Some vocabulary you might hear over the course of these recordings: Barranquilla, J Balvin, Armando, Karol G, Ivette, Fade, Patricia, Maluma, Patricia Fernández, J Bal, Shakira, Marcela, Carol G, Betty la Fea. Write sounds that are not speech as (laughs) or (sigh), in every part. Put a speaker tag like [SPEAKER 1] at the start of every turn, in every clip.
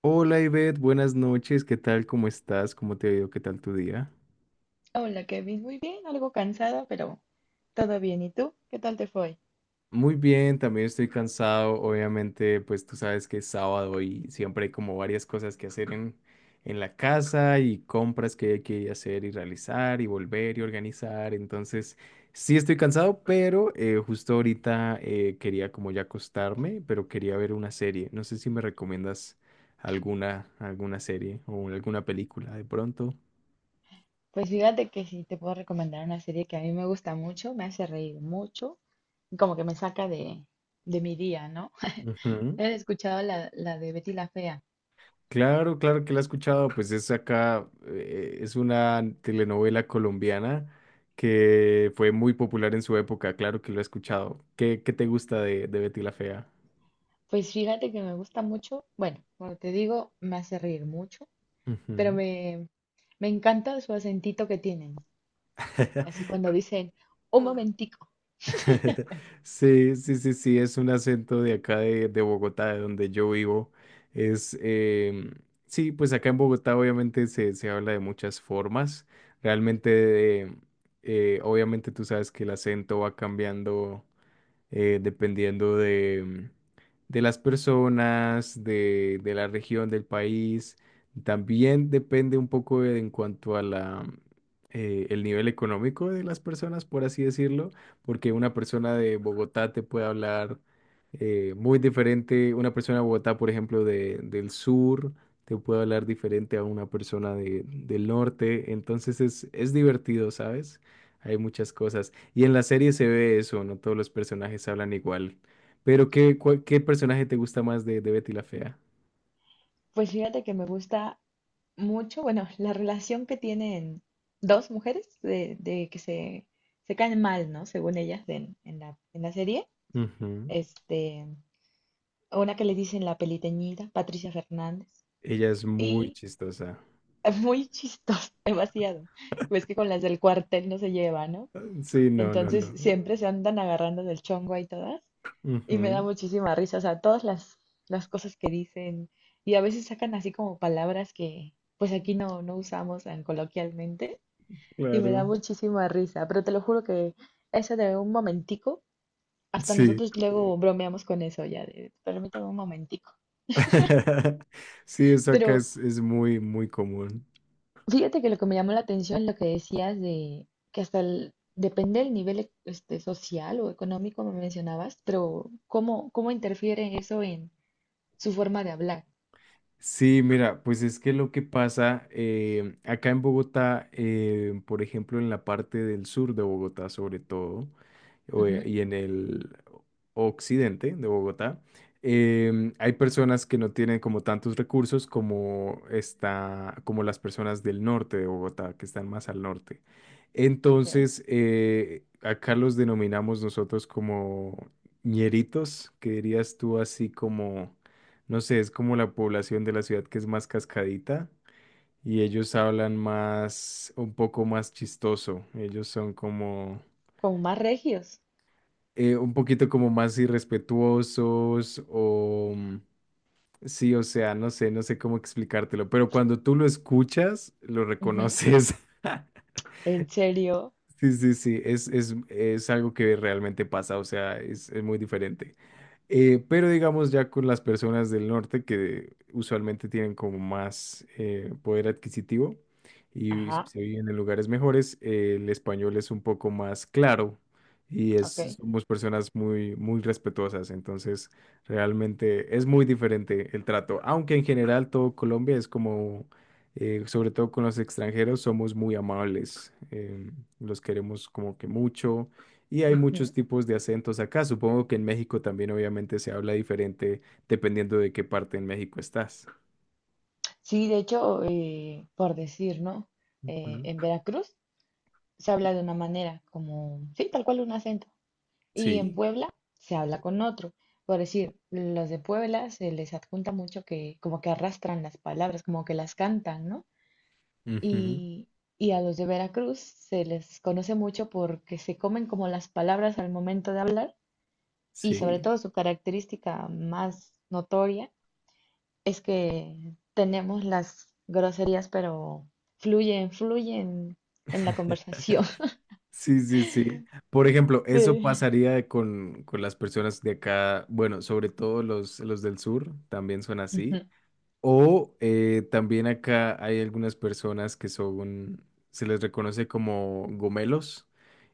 [SPEAKER 1] Hola Ivette, buenas noches, ¿qué tal? ¿Cómo estás? ¿Cómo te ha ido? ¿Qué tal tu día?
[SPEAKER 2] Hola Kevin, muy bien, algo cansada, pero todo bien. ¿Y tú? ¿Qué tal te fue?
[SPEAKER 1] Muy bien, también estoy cansado, obviamente, pues tú sabes que es sábado y siempre hay como varias cosas que hacer en la casa y compras que hay que hacer y realizar y volver y organizar, entonces sí estoy cansado, pero justo ahorita quería como ya acostarme, pero quería ver una serie, no sé si me recomiendas alguna serie o alguna película de pronto.
[SPEAKER 2] Pues fíjate que sí, te puedo recomendar una serie que a mí me gusta mucho, me hace reír mucho, y como que me saca de mi día, ¿no? (laughs) ¿Has escuchado la de Betty la Fea?
[SPEAKER 1] Claro, claro que la he escuchado, pues es acá, es una telenovela colombiana que fue muy popular en su época, claro que lo he escuchado. ¿Qué te gusta de Betty la Fea?
[SPEAKER 2] Pues fíjate que me gusta mucho, bueno, como te digo, me hace reír mucho, pero
[SPEAKER 1] Ujú.
[SPEAKER 2] me encanta su acentito que tienen. Así
[SPEAKER 1] (laughs)
[SPEAKER 2] cuando dicen, un momentico.
[SPEAKER 1] Sí, sí, sí, sí, es un acento de acá de Bogotá, de donde yo vivo. Es, em, sí, pues acá en Bogotá obviamente se habla de muchas formas. Realmente, obviamente tú sabes que el acento va cambiando dependiendo de las personas, de la región, del país. También depende un poco en cuanto a la, el nivel económico de las personas, por así decirlo, porque una persona de Bogotá te puede hablar muy diferente, una persona de Bogotá, por ejemplo, del sur, te puede hablar diferente a una persona del norte, entonces es divertido, ¿sabes? Hay muchas cosas. Y en la serie se ve eso, no todos los personajes hablan igual. Pero ¿ qué personaje te gusta más de Betty la Fea?
[SPEAKER 2] Pues fíjate que me gusta mucho, bueno, la relación que tienen dos mujeres de que se caen mal, ¿no? Según ellas en, en la serie.
[SPEAKER 1] Ujú.
[SPEAKER 2] Este, una que le dicen la peliteñida, Patricia Fernández,
[SPEAKER 1] Ella es muy
[SPEAKER 2] y
[SPEAKER 1] chistosa.
[SPEAKER 2] es muy chistoso, (laughs) demasiado. Pues que con las del cuartel no se lleva, ¿no?
[SPEAKER 1] Sí, no, no,
[SPEAKER 2] Entonces
[SPEAKER 1] no.
[SPEAKER 2] siempre se andan agarrando del chongo ahí todas. Y me da
[SPEAKER 1] Ujú.
[SPEAKER 2] muchísima risa, o sea, todas las cosas que dicen y a veces sacan así como palabras que pues aquí no usamos tan coloquialmente y me da
[SPEAKER 1] Claro.
[SPEAKER 2] muchísima risa, pero te lo juro que eso de un momentico, hasta
[SPEAKER 1] Sí.
[SPEAKER 2] nosotros luego bromeamos con eso ya, de, permítame un momentico.
[SPEAKER 1] (laughs) Sí, eso acá
[SPEAKER 2] Pero
[SPEAKER 1] es muy, muy común.
[SPEAKER 2] fíjate que lo que me llamó la atención es lo que decías de que hasta depende del nivel, este, social o económico me mencionabas, pero ¿cómo, cómo interfiere eso en su forma de hablar?
[SPEAKER 1] Sí, mira, pues es que lo que pasa acá en Bogotá, por ejemplo, en la parte del sur de Bogotá sobre todo, o,
[SPEAKER 2] Ujú,
[SPEAKER 1] y en el occidente de Bogotá, hay personas que no tienen como tantos recursos como está, como las personas del norte de Bogotá, que están más al norte.
[SPEAKER 2] ok.
[SPEAKER 1] Entonces, acá los denominamos nosotros como ñeritos, que dirías tú así como, no sé, es como la población de la ciudad que es más cascadita. Y ellos hablan más, un poco más chistoso. Ellos son como,
[SPEAKER 2] Como más regios.
[SPEAKER 1] un poquito como más irrespetuosos o sí, o sea, no sé, no sé cómo explicártelo, pero cuando tú lo escuchas, lo
[SPEAKER 2] Ujú.
[SPEAKER 1] reconoces. (laughs)
[SPEAKER 2] ¿En serio?
[SPEAKER 1] Sí, sí, sí, es algo que realmente pasa, o sea, es muy diferente. Pero digamos ya con las personas del norte que usualmente tienen como más poder adquisitivo y
[SPEAKER 2] Ajá.
[SPEAKER 1] se viven en lugares mejores, el español es un poco más claro y es,
[SPEAKER 2] Ok.
[SPEAKER 1] somos personas muy, muy respetuosas, entonces realmente es muy diferente el trato, aunque en general todo Colombia es como, sobre todo con los extranjeros, somos muy amables, los queremos como que mucho y hay muchos
[SPEAKER 2] Ujú.
[SPEAKER 1] tipos de acentos acá. Supongo que en México también obviamente se habla diferente dependiendo de qué parte en México estás.
[SPEAKER 2] Sí, de hecho, por decir, ¿no?
[SPEAKER 1] Ujú.
[SPEAKER 2] En Veracruz se habla de una manera, como, sí, tal cual un acento. Y en
[SPEAKER 1] Sí.
[SPEAKER 2] Puebla se habla con otro. Por decir, los de Puebla se les adjunta mucho que como que arrastran las palabras, como que las cantan, ¿no?
[SPEAKER 1] Ujú.
[SPEAKER 2] Y, y a los de Veracruz se les conoce mucho porque se comen como las palabras al momento de hablar, y sobre
[SPEAKER 1] Sí.
[SPEAKER 2] todo su característica más notoria es que tenemos las groserías, pero fluyen, fluyen en la conversación.
[SPEAKER 1] Sí, sí, sí. Por ejemplo,
[SPEAKER 2] (laughs)
[SPEAKER 1] eso
[SPEAKER 2] De...
[SPEAKER 1] pasaría con las personas de acá, bueno, sobre todo los del sur, también son
[SPEAKER 2] Ujú.
[SPEAKER 1] así. O también acá hay algunas personas que son, se les reconoce como gomelos,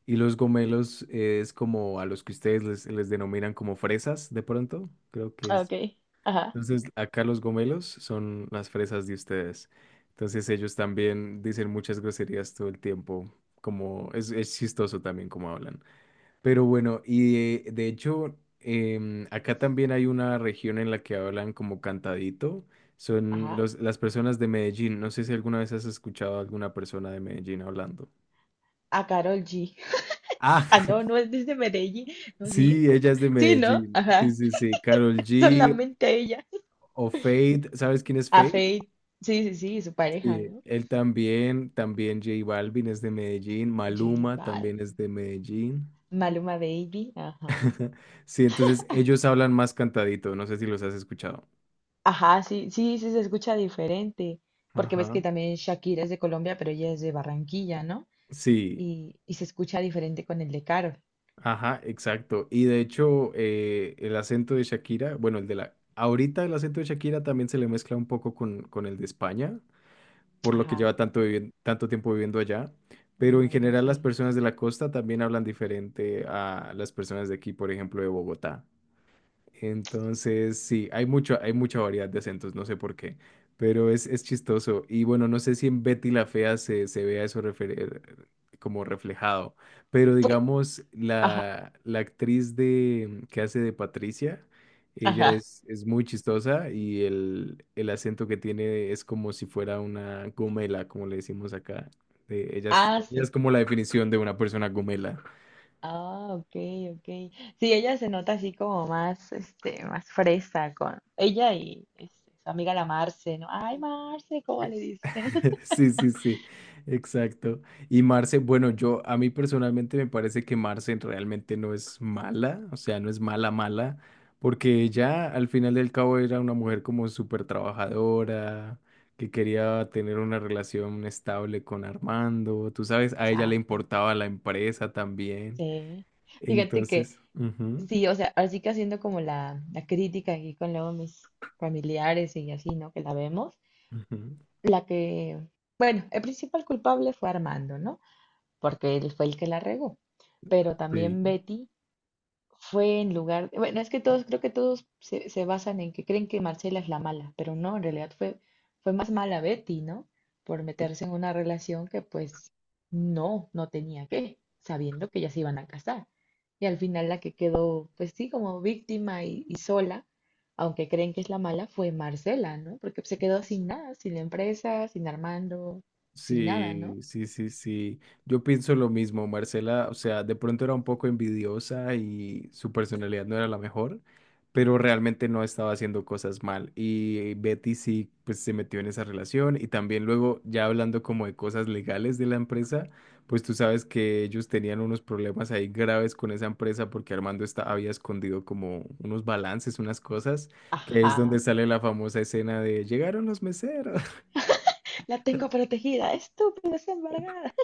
[SPEAKER 1] y los gomelos es como a los que ustedes les denominan como fresas, de pronto, creo que
[SPEAKER 2] Ah, ok,
[SPEAKER 1] es.
[SPEAKER 2] ajá,
[SPEAKER 1] Entonces, acá los gomelos son las fresas de ustedes. Entonces, ellos también dicen muchas groserías todo el tiempo, como es chistoso también como hablan. Pero bueno, y de hecho, acá también hay una región en la que hablan como cantadito. Son
[SPEAKER 2] ajá.
[SPEAKER 1] los, las personas de Medellín. No sé si alguna vez has escuchado a alguna persona de Medellín hablando.
[SPEAKER 2] A Carol G. (laughs)
[SPEAKER 1] Ah,
[SPEAKER 2] Ah, no, no
[SPEAKER 1] (laughs)
[SPEAKER 2] es desde Medellín. No, sí.
[SPEAKER 1] sí, ella es de
[SPEAKER 2] Sí, ¿no?
[SPEAKER 1] Medellín. Sí,
[SPEAKER 2] Ajá.
[SPEAKER 1] sí, sí. Karol G
[SPEAKER 2] Solamente ella.
[SPEAKER 1] o Fade. ¿Sabes quién es
[SPEAKER 2] A
[SPEAKER 1] Fade?
[SPEAKER 2] Faith. Sí, sí, sí, su pareja,
[SPEAKER 1] Sí,
[SPEAKER 2] ¿no?
[SPEAKER 1] él también. También J Balvin es de Medellín.
[SPEAKER 2] J
[SPEAKER 1] Maluma
[SPEAKER 2] Bal.
[SPEAKER 1] también es de Medellín.
[SPEAKER 2] Maluma Baby. Ajá.
[SPEAKER 1] (laughs) Sí, entonces ellos hablan más cantadito. No sé si los has escuchado.
[SPEAKER 2] Ajá, sí, sí, sí se escucha diferente, porque ves que
[SPEAKER 1] Ajá.
[SPEAKER 2] también Shakira es de Colombia, pero ella es de Barranquilla, ¿no?
[SPEAKER 1] Sí.
[SPEAKER 2] Y se escucha diferente con el de Caro.
[SPEAKER 1] Ajá, exacto. Y de hecho, el acento de Shakira, bueno, el de la... Ahorita el acento de Shakira también se le mezcla un poco con el de España, por lo que
[SPEAKER 2] Ajá,
[SPEAKER 1] lleva tanto, tanto tiempo viviendo allá. Pero
[SPEAKER 2] viendo
[SPEAKER 1] en
[SPEAKER 2] allá,
[SPEAKER 1] general las
[SPEAKER 2] sí.
[SPEAKER 1] personas de la costa también hablan diferente a las personas de aquí, por ejemplo, de Bogotá. Entonces, sí, hay mucho, hay mucha variedad de acentos, no sé por qué, pero es chistoso. Y bueno, no sé si en Betty la Fea se vea eso como reflejado, pero
[SPEAKER 2] Pues,
[SPEAKER 1] digamos,
[SPEAKER 2] ajá,
[SPEAKER 1] la actriz que hace de Patricia, ella
[SPEAKER 2] ajá.
[SPEAKER 1] es muy chistosa y el acento que tiene es como si fuera una gomela, como le decimos acá. Ella es,
[SPEAKER 2] Ah,
[SPEAKER 1] ella es
[SPEAKER 2] sí.
[SPEAKER 1] como la definición de una persona gomela.
[SPEAKER 2] Ah, ok, ok. Sí, ella se nota así como más, este, más fresa con ella y este, su amiga la Marce, ¿no? Ay, Marce, ¿cómo le dicen? (laughs)
[SPEAKER 1] (laughs) Sí, sí, sí, exacto. Y Marce, bueno, yo a mí personalmente me parece que Marce realmente no es mala, o sea, no es mala, mala, porque ella al final del cabo era una mujer como súper trabajadora, que quería tener una relación estable con Armando, tú sabes, a ella le
[SPEAKER 2] Exacto.
[SPEAKER 1] importaba la empresa también.
[SPEAKER 2] Sí. Fíjate que
[SPEAKER 1] Entonces, ujú,
[SPEAKER 2] sí, o sea, así que haciendo como la crítica aquí con luego mis familiares y así, ¿no? Que la vemos.
[SPEAKER 1] ujú,
[SPEAKER 2] La que, bueno, el principal culpable fue Armando, ¿no? Porque él fue el que la regó. Pero también
[SPEAKER 1] sí.
[SPEAKER 2] Betty fue en lugar, bueno, es que todos, creo que todos se basan en que creen que Marcela es la mala, pero no, en realidad fue, fue más mala Betty, ¿no? Por meterse en una relación que pues no tenía que, sabiendo que ya se iban a casar. Y al final la que quedó, pues sí, como víctima y sola, aunque creen que es la mala, fue Marcela, ¿no? Porque se quedó sin nada, sin la empresa, sin Armando, sin nada, ¿no?
[SPEAKER 1] Sí, sí, sí, sí. Yo pienso lo mismo, Marcela. O sea, de pronto era un poco envidiosa y su personalidad no era la mejor, pero realmente no estaba haciendo cosas mal. Y Betty sí, pues se metió en esa relación. Y también luego, ya hablando como de cosas legales de la empresa, pues tú sabes que ellos tenían unos problemas ahí graves con esa empresa porque Armando está, había escondido como unos balances, unas cosas, que es donde
[SPEAKER 2] Ajá.
[SPEAKER 1] sale la famosa escena de llegaron los meseros. (laughs)
[SPEAKER 2] (laughs) La tengo protegida, estúpida, es embargada.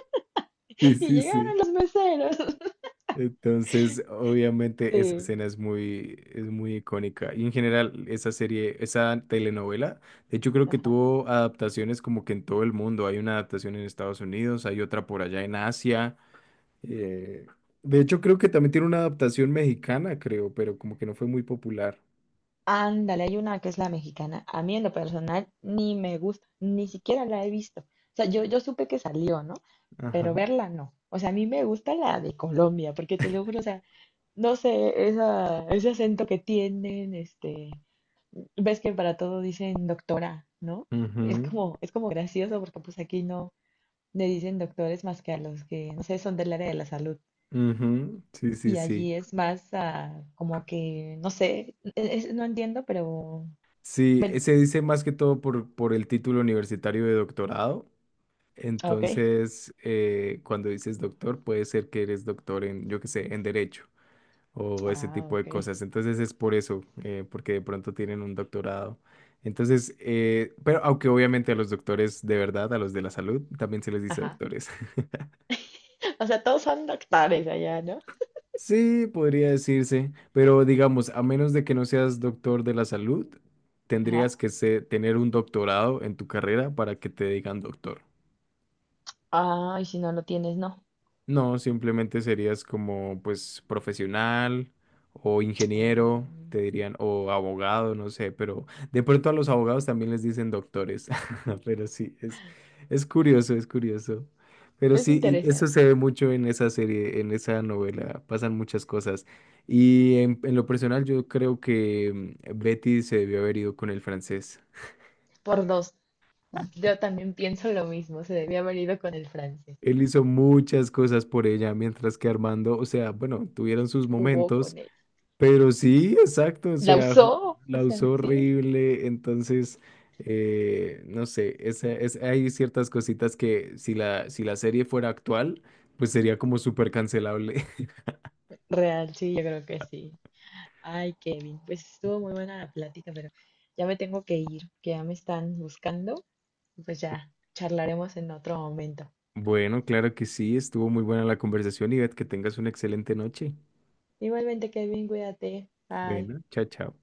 [SPEAKER 1] Sí,
[SPEAKER 2] Y
[SPEAKER 1] sí, sí.
[SPEAKER 2] llegaron los meseros. (laughs)
[SPEAKER 1] Entonces, obviamente esa
[SPEAKER 2] Sí,
[SPEAKER 1] escena es muy icónica. Y en general, esa serie, esa telenovela, de hecho creo que
[SPEAKER 2] ajá.
[SPEAKER 1] tuvo adaptaciones como que en todo el mundo. Hay una adaptación en Estados Unidos, hay otra por allá en Asia. eh, de hecho creo que también tiene una adaptación mexicana, creo, pero como que no fue muy popular.
[SPEAKER 2] Ándale, hay una que es la mexicana. A mí en lo personal ni me gusta, ni siquiera la he visto. O sea, yo supe que salió, ¿no? Pero
[SPEAKER 1] Ajá.
[SPEAKER 2] verla no. O sea, a mí me gusta la de Colombia, porque te lo juro, o sea, no sé, esa, ese acento que tienen, este, ves que para todo dicen doctora, ¿no?
[SPEAKER 1] Ujú,
[SPEAKER 2] Es como gracioso porque pues aquí no le dicen doctores más que a los que, no sé, son del área de la salud.
[SPEAKER 1] ujú. Sí, sí,
[SPEAKER 2] Y
[SPEAKER 1] sí.
[SPEAKER 2] allí es más ah, como que, no sé, no entiendo, pero
[SPEAKER 1] Sí,
[SPEAKER 2] bueno,
[SPEAKER 1] se dice más que todo por el título universitario de doctorado.
[SPEAKER 2] ok.
[SPEAKER 1] Entonces, cuando dices doctor, puede ser que eres doctor en, yo qué sé, en derecho o ese
[SPEAKER 2] Ah,
[SPEAKER 1] tipo de
[SPEAKER 2] ok.
[SPEAKER 1] cosas. Entonces es por eso, porque de pronto tienen un doctorado. Entonces, pero aunque obviamente a los doctores de verdad, a los de la salud, también se les dice
[SPEAKER 2] Ajá.
[SPEAKER 1] doctores. (laughs)
[SPEAKER 2] (laughs) O sea, todos son doctores allá, ¿no?
[SPEAKER 1] Sí, podría decirse, pero digamos, a menos de que no seas doctor de la salud,
[SPEAKER 2] Ajá.
[SPEAKER 1] tendrías que tener un doctorado en tu carrera para que te digan doctor.
[SPEAKER 2] Ah, y si no lo tienes, no.
[SPEAKER 1] No, simplemente serías como pues profesional o
[SPEAKER 2] (tsk)
[SPEAKER 1] ingeniero,
[SPEAKER 2] Oh,
[SPEAKER 1] te dirían, o abogado, no sé, pero de pronto a los abogados también les dicen doctores, (laughs) pero sí, es curioso, es curioso. Pero
[SPEAKER 2] es
[SPEAKER 1] sí, y eso se
[SPEAKER 2] interesante.
[SPEAKER 1] ve mucho en esa serie, en esa novela, pasan muchas cosas. Y en lo personal yo creo que Betty se debió haber ido con el francés.
[SPEAKER 2] Por dos. Yo también pienso lo mismo. Se debía haber ido con el francés.
[SPEAKER 1] Él hizo muchas cosas por ella, mientras que Armando, o sea, bueno, tuvieron sus
[SPEAKER 2] Jugó
[SPEAKER 1] momentos.
[SPEAKER 2] con él.
[SPEAKER 1] Pero sí, exacto, o
[SPEAKER 2] La
[SPEAKER 1] sea,
[SPEAKER 2] usó. O
[SPEAKER 1] la
[SPEAKER 2] sea,
[SPEAKER 1] usó
[SPEAKER 2] sí.
[SPEAKER 1] horrible, entonces, no sé, hay ciertas cositas que si la serie fuera actual, pues sería como súper cancelable. (laughs)
[SPEAKER 2] Real, sí, yo creo que sí. Ay, Kevin, pues estuvo muy buena la plática, pero ya me tengo que ir, que ya me están buscando. Pues ya charlaremos en otro momento.
[SPEAKER 1] Bueno, claro que sí, estuvo muy buena la conversación y Ivette, que tengas una excelente noche.
[SPEAKER 2] Igualmente, Kevin, cuídate. Bye.
[SPEAKER 1] Bueno, chao, chao.